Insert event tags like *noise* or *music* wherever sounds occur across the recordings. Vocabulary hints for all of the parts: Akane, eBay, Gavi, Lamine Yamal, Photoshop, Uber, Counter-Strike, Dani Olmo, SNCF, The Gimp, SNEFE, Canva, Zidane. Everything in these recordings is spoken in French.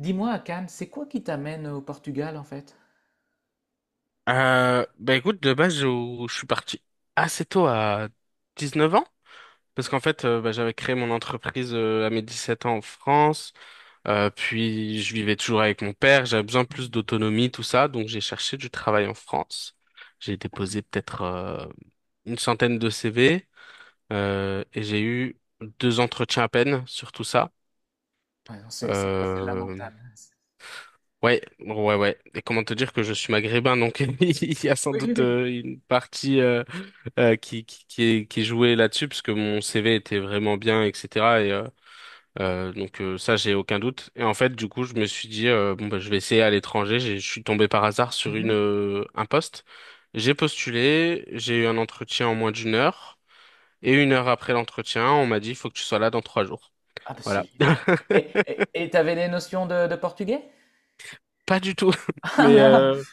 Dis-moi, Akane, c'est quoi qui t'amène au Portugal en fait? Bah écoute, de base, je suis parti assez tôt à 19 ans, parce qu'en fait, bah, j'avais créé mon entreprise à mes 17 ans en France, puis je vivais toujours avec mon père, j'avais besoin de plus d'autonomie, tout ça, donc j'ai cherché du travail en France. J'ai déposé peut-être une centaine de CV, et j'ai eu deux entretiens à peine sur tout ça. Ouais, non, c'est Euh, lamentable. Ouais, ouais, ouais. Et comment te dire que je suis maghrébin, donc *laughs* il y a sans Oui, oui, doute oui. Une partie qui jouait là-dessus parce que mon CV était vraiment bien, etc. Et donc ça, j'ai aucun doute. Et en fait, du coup, je me suis dit bon bah je vais essayer à l'étranger. Je suis tombé par hasard sur une Mhm. Un poste. J'ai postulé, j'ai eu un entretien en moins d'une heure. Et une heure après l'entretien, on m'a dit il faut que tu sois là dans 3 jours. Ah, bah, c'est Voilà. *laughs* génial. Et t'avais des notions de portugais? Pas du tout. *laughs* *laughs* Ah Mais là!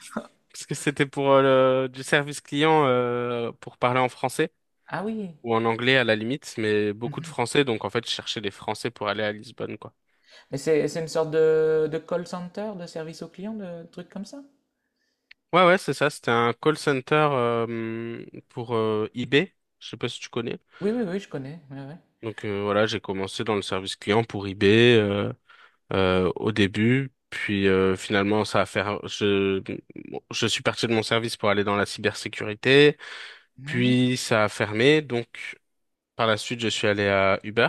parce que c'était pour du service client pour parler en français. Ah oui! Ou en anglais à la limite, mais beaucoup de Mhm. français, donc en fait, je cherchais des français pour aller à Lisbonne, quoi. Mais c'est une sorte de call center, de service au client, de trucs comme ça? Ouais, ouais, c'est ça, c'était un call center pour eBay, je sais pas si tu connais. Oui, oui, oui, je connais. Ouais, ouais. Donc voilà, j'ai commencé dans le service client pour eBay au début, puis finalement, ça a fait, je suis parti de mon service pour aller dans la cybersécurité, Mhm. puis ça a fermé, donc par la suite, je suis allé à Uber.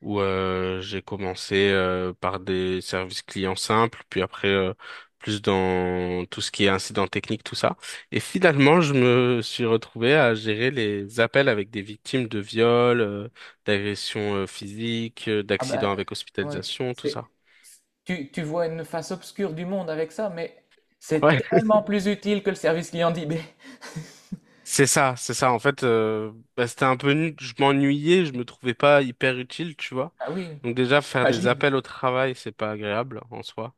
Où j'ai commencé par des services clients simples, puis après plus dans tout ce qui est incident technique, tout ça. Et finalement, je me suis retrouvé à gérer les appels avec des victimes de viols, d'agressions physiques, Ah bah, d'accidents avec comment dire, hospitalisation, tout c'est- ça. tu vois une face obscure du monde avec ça, mais c'est Ouais. tellement plus utile que le service client d'eBay. *laughs* C'est ça, c'est ça. En fait, bah, c'était un peu, je m'ennuyais, je me trouvais pas hyper utile, tu vois. Ah oui, Donc déjà, faire des imagine. appels au travail, c'est pas agréable en soi.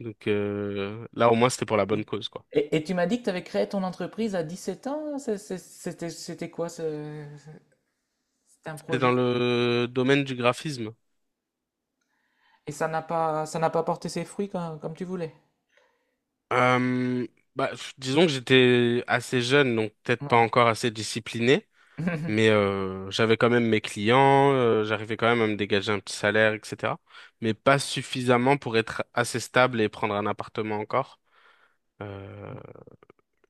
Donc là, au moins, c'était pour la Oui. bonne cause, quoi. Et tu m'as dit que tu avais créé ton entreprise à 17 ans. C'était, c'était quoi ce, c'était un T'es dans projet? le domaine du graphisme. Et ça n'a pas porté ses fruits comme, comme tu voulais. Euh, Bah, disons que j'étais assez jeune, donc peut-être pas Ouais. encore assez discipliné, mais *laughs* j'avais quand même mes clients, j'arrivais quand même à me dégager un petit salaire, etc. Mais pas suffisamment pour être assez stable et prendre un appartement encore. Euh,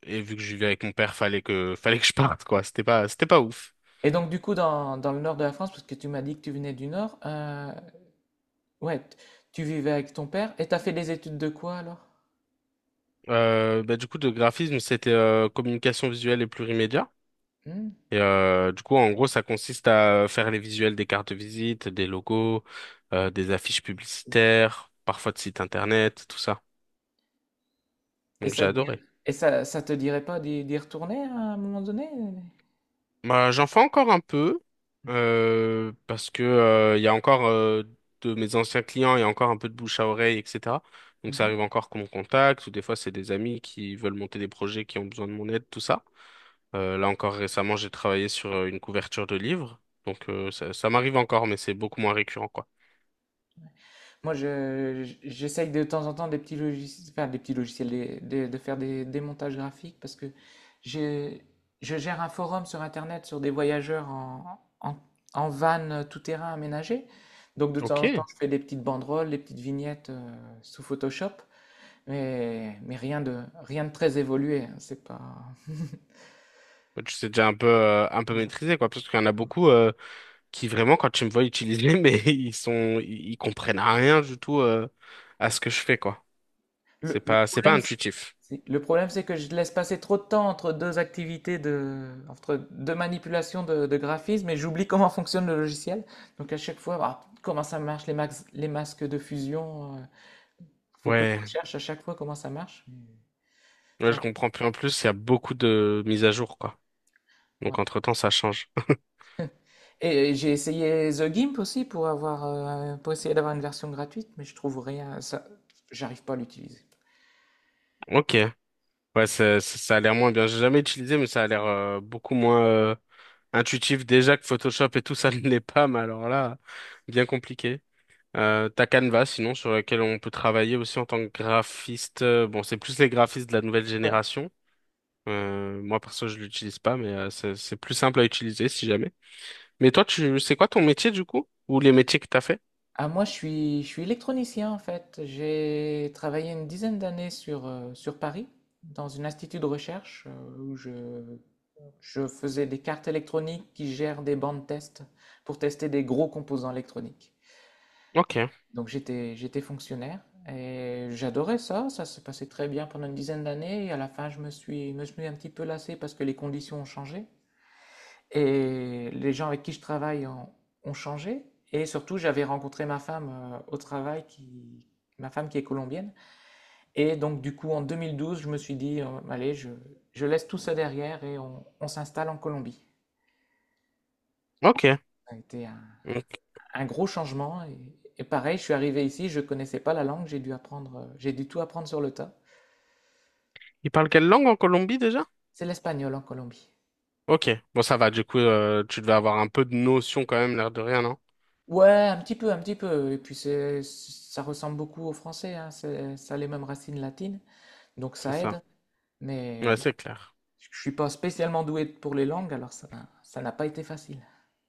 et vu que je vivais avec mon père, fallait que *laughs* fallait que je parte, quoi. C'était pas ouf. Et donc, du coup, dans, dans le nord de la France, parce que tu m'as dit que tu venais du nord, ouais, t- tu vivais avec ton père et t'as fait des études de quoi alors? Bah, du coup, de graphisme, c'était communication visuelle et plurimédia. Hmm. Et du coup, en gros, ça consiste à faire les visuels des cartes de visite, des logos, des affiches publicitaires, parfois de sites internet, tout ça. Et Donc j'ai ça te dir- adoré. et ça te dirait pas d'y retourner à un moment donné? Bah, j'en fais encore un peu parce que il y a encore de mes anciens clients, il y a encore un peu de bouche à oreille, etc. Donc ça Mhm. arrive encore qu'on me contacte ou des fois c'est des amis qui veulent monter des projets qui ont besoin de mon aide, tout ça. Là encore récemment, j'ai travaillé sur une couverture de livre, donc ça m'arrive encore, mais c'est beaucoup moins récurrent, quoi. Moi, j'essaye de temps en temps des petits logiciels, enfin, des petits logiciels, de faire des montages graphiques parce que j'ai- je gère un forum sur Internet sur des voyageurs en, en, en van tout-terrain aménagé. Donc, de temps en temps, Ok. je fais des petites banderoles, des petites vignettes sous Photoshop. Mais rien de, rien de très évolué, hein, c'est pas. *laughs* Ouais, tu sais déjà un peu Ouais. maîtrisé, quoi. Parce qu'il y en a beaucoup qui, vraiment, quand tu me vois utiliser, *laughs* mais ils comprennent rien du tout à ce que je fais, quoi. C'est Le pas, c'est pas problème, c'est intuitif. Le problème, c'est que je laisse passer trop de temps entre deux activités de, entre deux manipulations de graphisme, et j'oublie comment fonctionne le logiciel. Donc à chaque fois, ah, comment ça marche les, les masques de fusion. Faut que je Ouais, recherche à chaque fois comment ça marche. ouais, C'est un je peu- comprends plus en plus, il y a beaucoup de mises à jour, quoi. Donc, ouais. entre-temps, ça change. *laughs* Et j'ai essayé The Gimp aussi pour avoir, pour essayer d'avoir une version gratuite, mais je trouve rien. Ça, j'arrive pas à l'utiliser. Ok. Ouais, ça a l'air moins bien. J'ai jamais utilisé, mais ça a l'air beaucoup moins intuitif. Déjà que Photoshop et tout, *laughs* ça ne l'est pas, mais alors là, bien compliqué. T'as Canva, sinon, sur laquelle on peut travailler aussi en tant que graphiste. Bon, c'est plus les graphistes de la nouvelle Ouais. génération. Moi, perso, je l'utilise pas, mais c'est plus simple à utiliser si jamais. Mais toi, c'est quoi ton métier du coup? Ou les métiers que t'as fait? Ah, moi, je suis électronicien en fait. J'ai travaillé une dizaine d'années sur, sur Paris, dans un institut de recherche où je faisais des cartes électroniques qui gèrent des bandes test pour tester des gros composants électroniques. Ok, Donc j'étais fonctionnaire et j'adorais ça. Ça se passait très bien pendant une dizaine d'années et à la fin, me suis un petit peu lassé parce que les conditions ont changé. Et les gens avec qui je travaille ont, ont changé. Et surtout, j'avais rencontré ma femme au travail, qui, ma femme qui est colombienne. Et donc, du coup, en 2012, je me suis dit, allez, je laisse tout ça derrière et on s'installe en Colombie. ok. Ça a été Donc, un gros changement. Et pareil, je suis arrivé ici, je ne connaissais pas la langue, j'ai dû apprendre, j'ai dû tout apprendre sur le tas. ils parlent quelle langue en Colombie déjà? C'est l'espagnol en Colombie. Ok, bon ça va, du coup tu devais avoir un peu de notion quand même, l'air de rien, non? Ouais, un petit peu, un petit peu. Et puis, c'est, ça ressemble beaucoup au français, hein, c'est- ça a les mêmes racines latines. Donc C'est ça ça. aide. Mais Ouais, bon, c'est clair. *laughs* je suis pas spécialement doué pour les langues, alors ça, ça n'a pas été facile.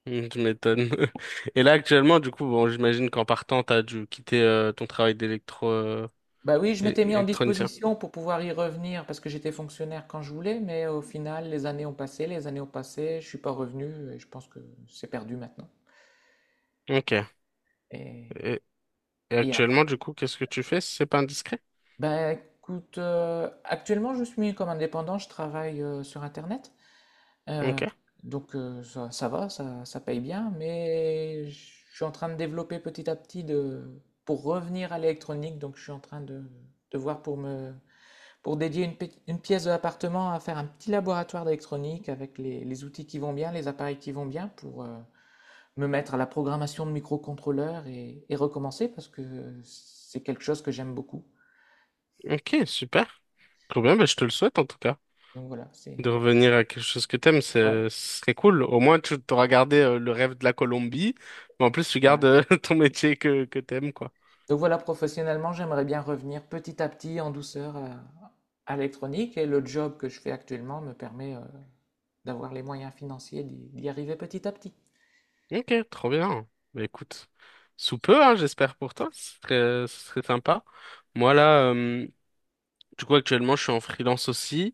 Tu m'étonnes. *laughs* Et là actuellement, du coup, bon, j'imagine qu'en partant, t'as dû quitter ton travail Bah oui, je m'étais mis en électronicien. disposition pour pouvoir y revenir parce que j'étais fonctionnaire quand je voulais, mais au final, les années ont passé, les années ont passé, je suis pas revenu et je pense que c'est perdu maintenant. Ok. Et, Et, et et après. actuellement, du coup, qu'est-ce que tu fais si c'est pas indiscret? Bah écoute, actuellement, je suis comme indépendant, je travaille sur Internet. Euh, Ok. donc ça, ça va, ça paye bien, mais je suis en train de développer petit à petit de, pour revenir à l'électronique. Donc je suis en train de voir pour me, pour dédier une, une pièce de l'appartement à faire un petit laboratoire d'électronique avec les outils qui vont bien, les appareils qui vont bien pour me mettre à la programmation de microcontrôleurs et recommencer parce que c'est quelque chose que j'aime beaucoup. Ok, super. Trop bien, bah, je te le souhaite en tout cas. Donc voilà, c'est... De revenir à quelque chose que t'aimes, Ouais, ce serait cool. Au moins, tu t'auras gardé le rêve de la Colombie, mais en plus, tu gardes voilà. *laughs* Ton métier que t'aimes, quoi. Donc voilà, professionnellement, j'aimerais bien revenir petit à petit, en douceur, à l'électronique, et le job que je fais actuellement me permet d'avoir les moyens financiers d'y arriver petit à petit. Ok, trop bien. Bah, écoute, sous peu, hein, j'espère pour toi. Ce serait sympa. Moi, là, du coup, actuellement, je suis en freelance aussi.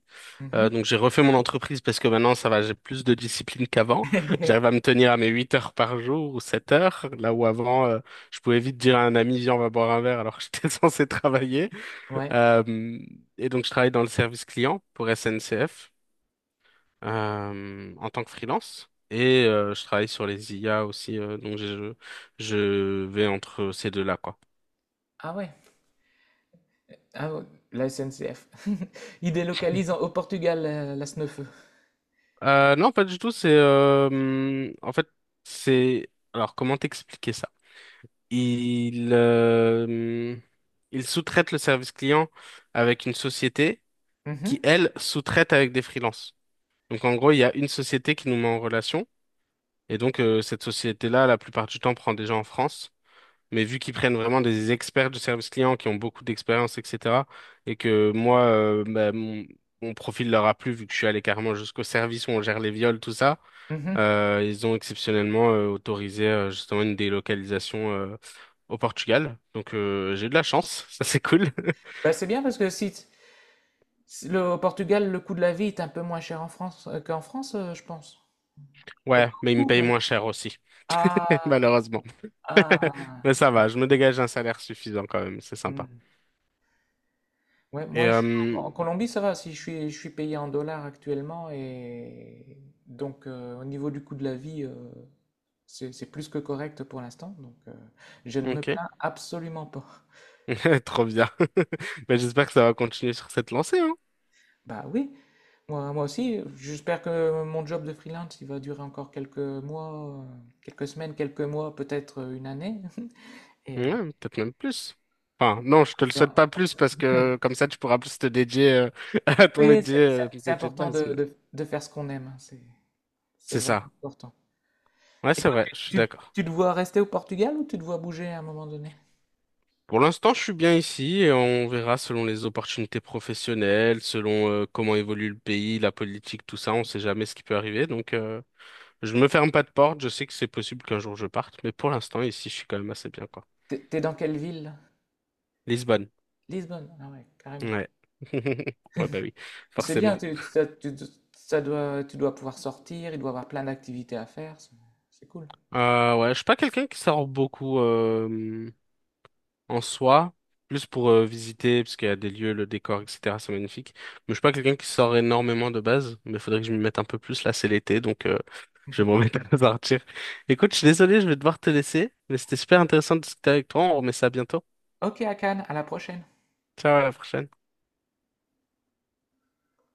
Mhm. Donc, j'ai refait mon entreprise parce que maintenant, ça va, j'ai plus de discipline qu'avant. *laughs* J'arrive à me *laughs* tenir à mes 8 heures par jour ou 7 heures. Là où avant, je pouvais vite dire à un ami, viens, on va boire un verre alors que j'étais *laughs* censé travailler. Ouais. Euh, et donc, je travaille dans le service client pour SNCF en tant que freelance et je travaille sur les IA aussi, donc je vais entre ces deux-là, quoi. Ah ouais. Ah ouais. La SNCF. *laughs* Ils délocalisent en- au Portugal la SNEFE. Non, pas du tout, c'est... en fait, c'est... Alors, comment t'expliquer ça? Il, euh, hum, il sous-traite le service client avec une société qui, Mhm. elle, sous-traite avec des freelances. Donc, en gros, il y a une société qui nous met en relation. Et donc, cette société-là, la plupart du temps, prend des gens en France. Mais vu qu'ils prennent vraiment des experts du service client qui ont beaucoup d'expérience, etc., et que moi, bah, mon profil leur a plu vu que je suis allé carrément jusqu'au service où on gère les viols, tout ça, Mhm. Ils ont exceptionnellement autorisé justement une délocalisation au Portugal. Donc j'ai eu de la chance, *laughs* ça c'est cool. *laughs* Bah, c'est bien parce que si, t- si le, au Portugal, le coût de la vie est un peu moins cher en France qu'en France, je pense. Pas Ouais, mais ils me beaucoup, payent même. moins cher aussi, *laughs* Ah, malheureusement. *laughs* ah. Mais ça va, je me dégage un salaire suffisant quand même, c'est sympa. Ouais. Ouais, Et moi ici en euh, en Colombie ça va, si je suis payé en dollars actuellement et donc au niveau du coût de la vie c'est plus que correct pour l'instant donc je ne me ok, plains absolument pas. *laughs* *laughs* trop bien. *laughs* Ben, j'espère que ça va continuer sur cette lancée, hein. Bah oui, moi, moi aussi j'espère que mon job de freelance il va durer encore quelques mois, quelques semaines, quelques mois, peut-être une année *laughs* Ouais, et peut-être même plus. Enfin, non, je te le souhaite pas plus parce que comme ça, tu pourras plus te dédier *laughs* à oui c'est ton c'est métier de important base. de, Mais de faire ce qu'on aime, hein, c'est c'est vraiment ça. important. Ouais, Et c'est toi, vrai, je suis tu, tu- d'accord. tu te vois rester au Portugal ou tu te vois bouger à un moment donné? Pour l'instant, je suis bien ici et on verra selon les opportunités professionnelles, selon comment évolue le pays, la politique, tout ça. On sait jamais ce qui peut arriver. Donc, je ne me ferme pas de porte. Je sais que c'est possible qu'un jour je parte, mais pour l'instant, ici, je suis quand même assez bien, quoi. T'es t'es dans quelle ville? Lisbonne. Lisbonne. Ah ouais, carrément. Ouais. *laughs* Ouais, bah oui, C'est bien, forcément. Ça doit, tu dois pouvoir sortir, il doit y avoir plein d'activités à faire. C'est cool. Ouais, je suis pas quelqu'un qui sort beaucoup, en soi, plus pour visiter, parce qu'il y a des lieux, le décor, etc. C'est magnifique. Mais je suis pas quelqu'un qui sort énormément de base, mais il faudrait que je m'y mette un peu plus. Là, c'est l'été, donc je vais m'en *laughs* mettre à partir. *laughs* Écoute, je suis désolé, je vais devoir te laisser, mais c'était super intéressant de discuter avec toi. On remet ça bientôt. Ok, Akan, à la prochaine. Ciao, à la prochaine.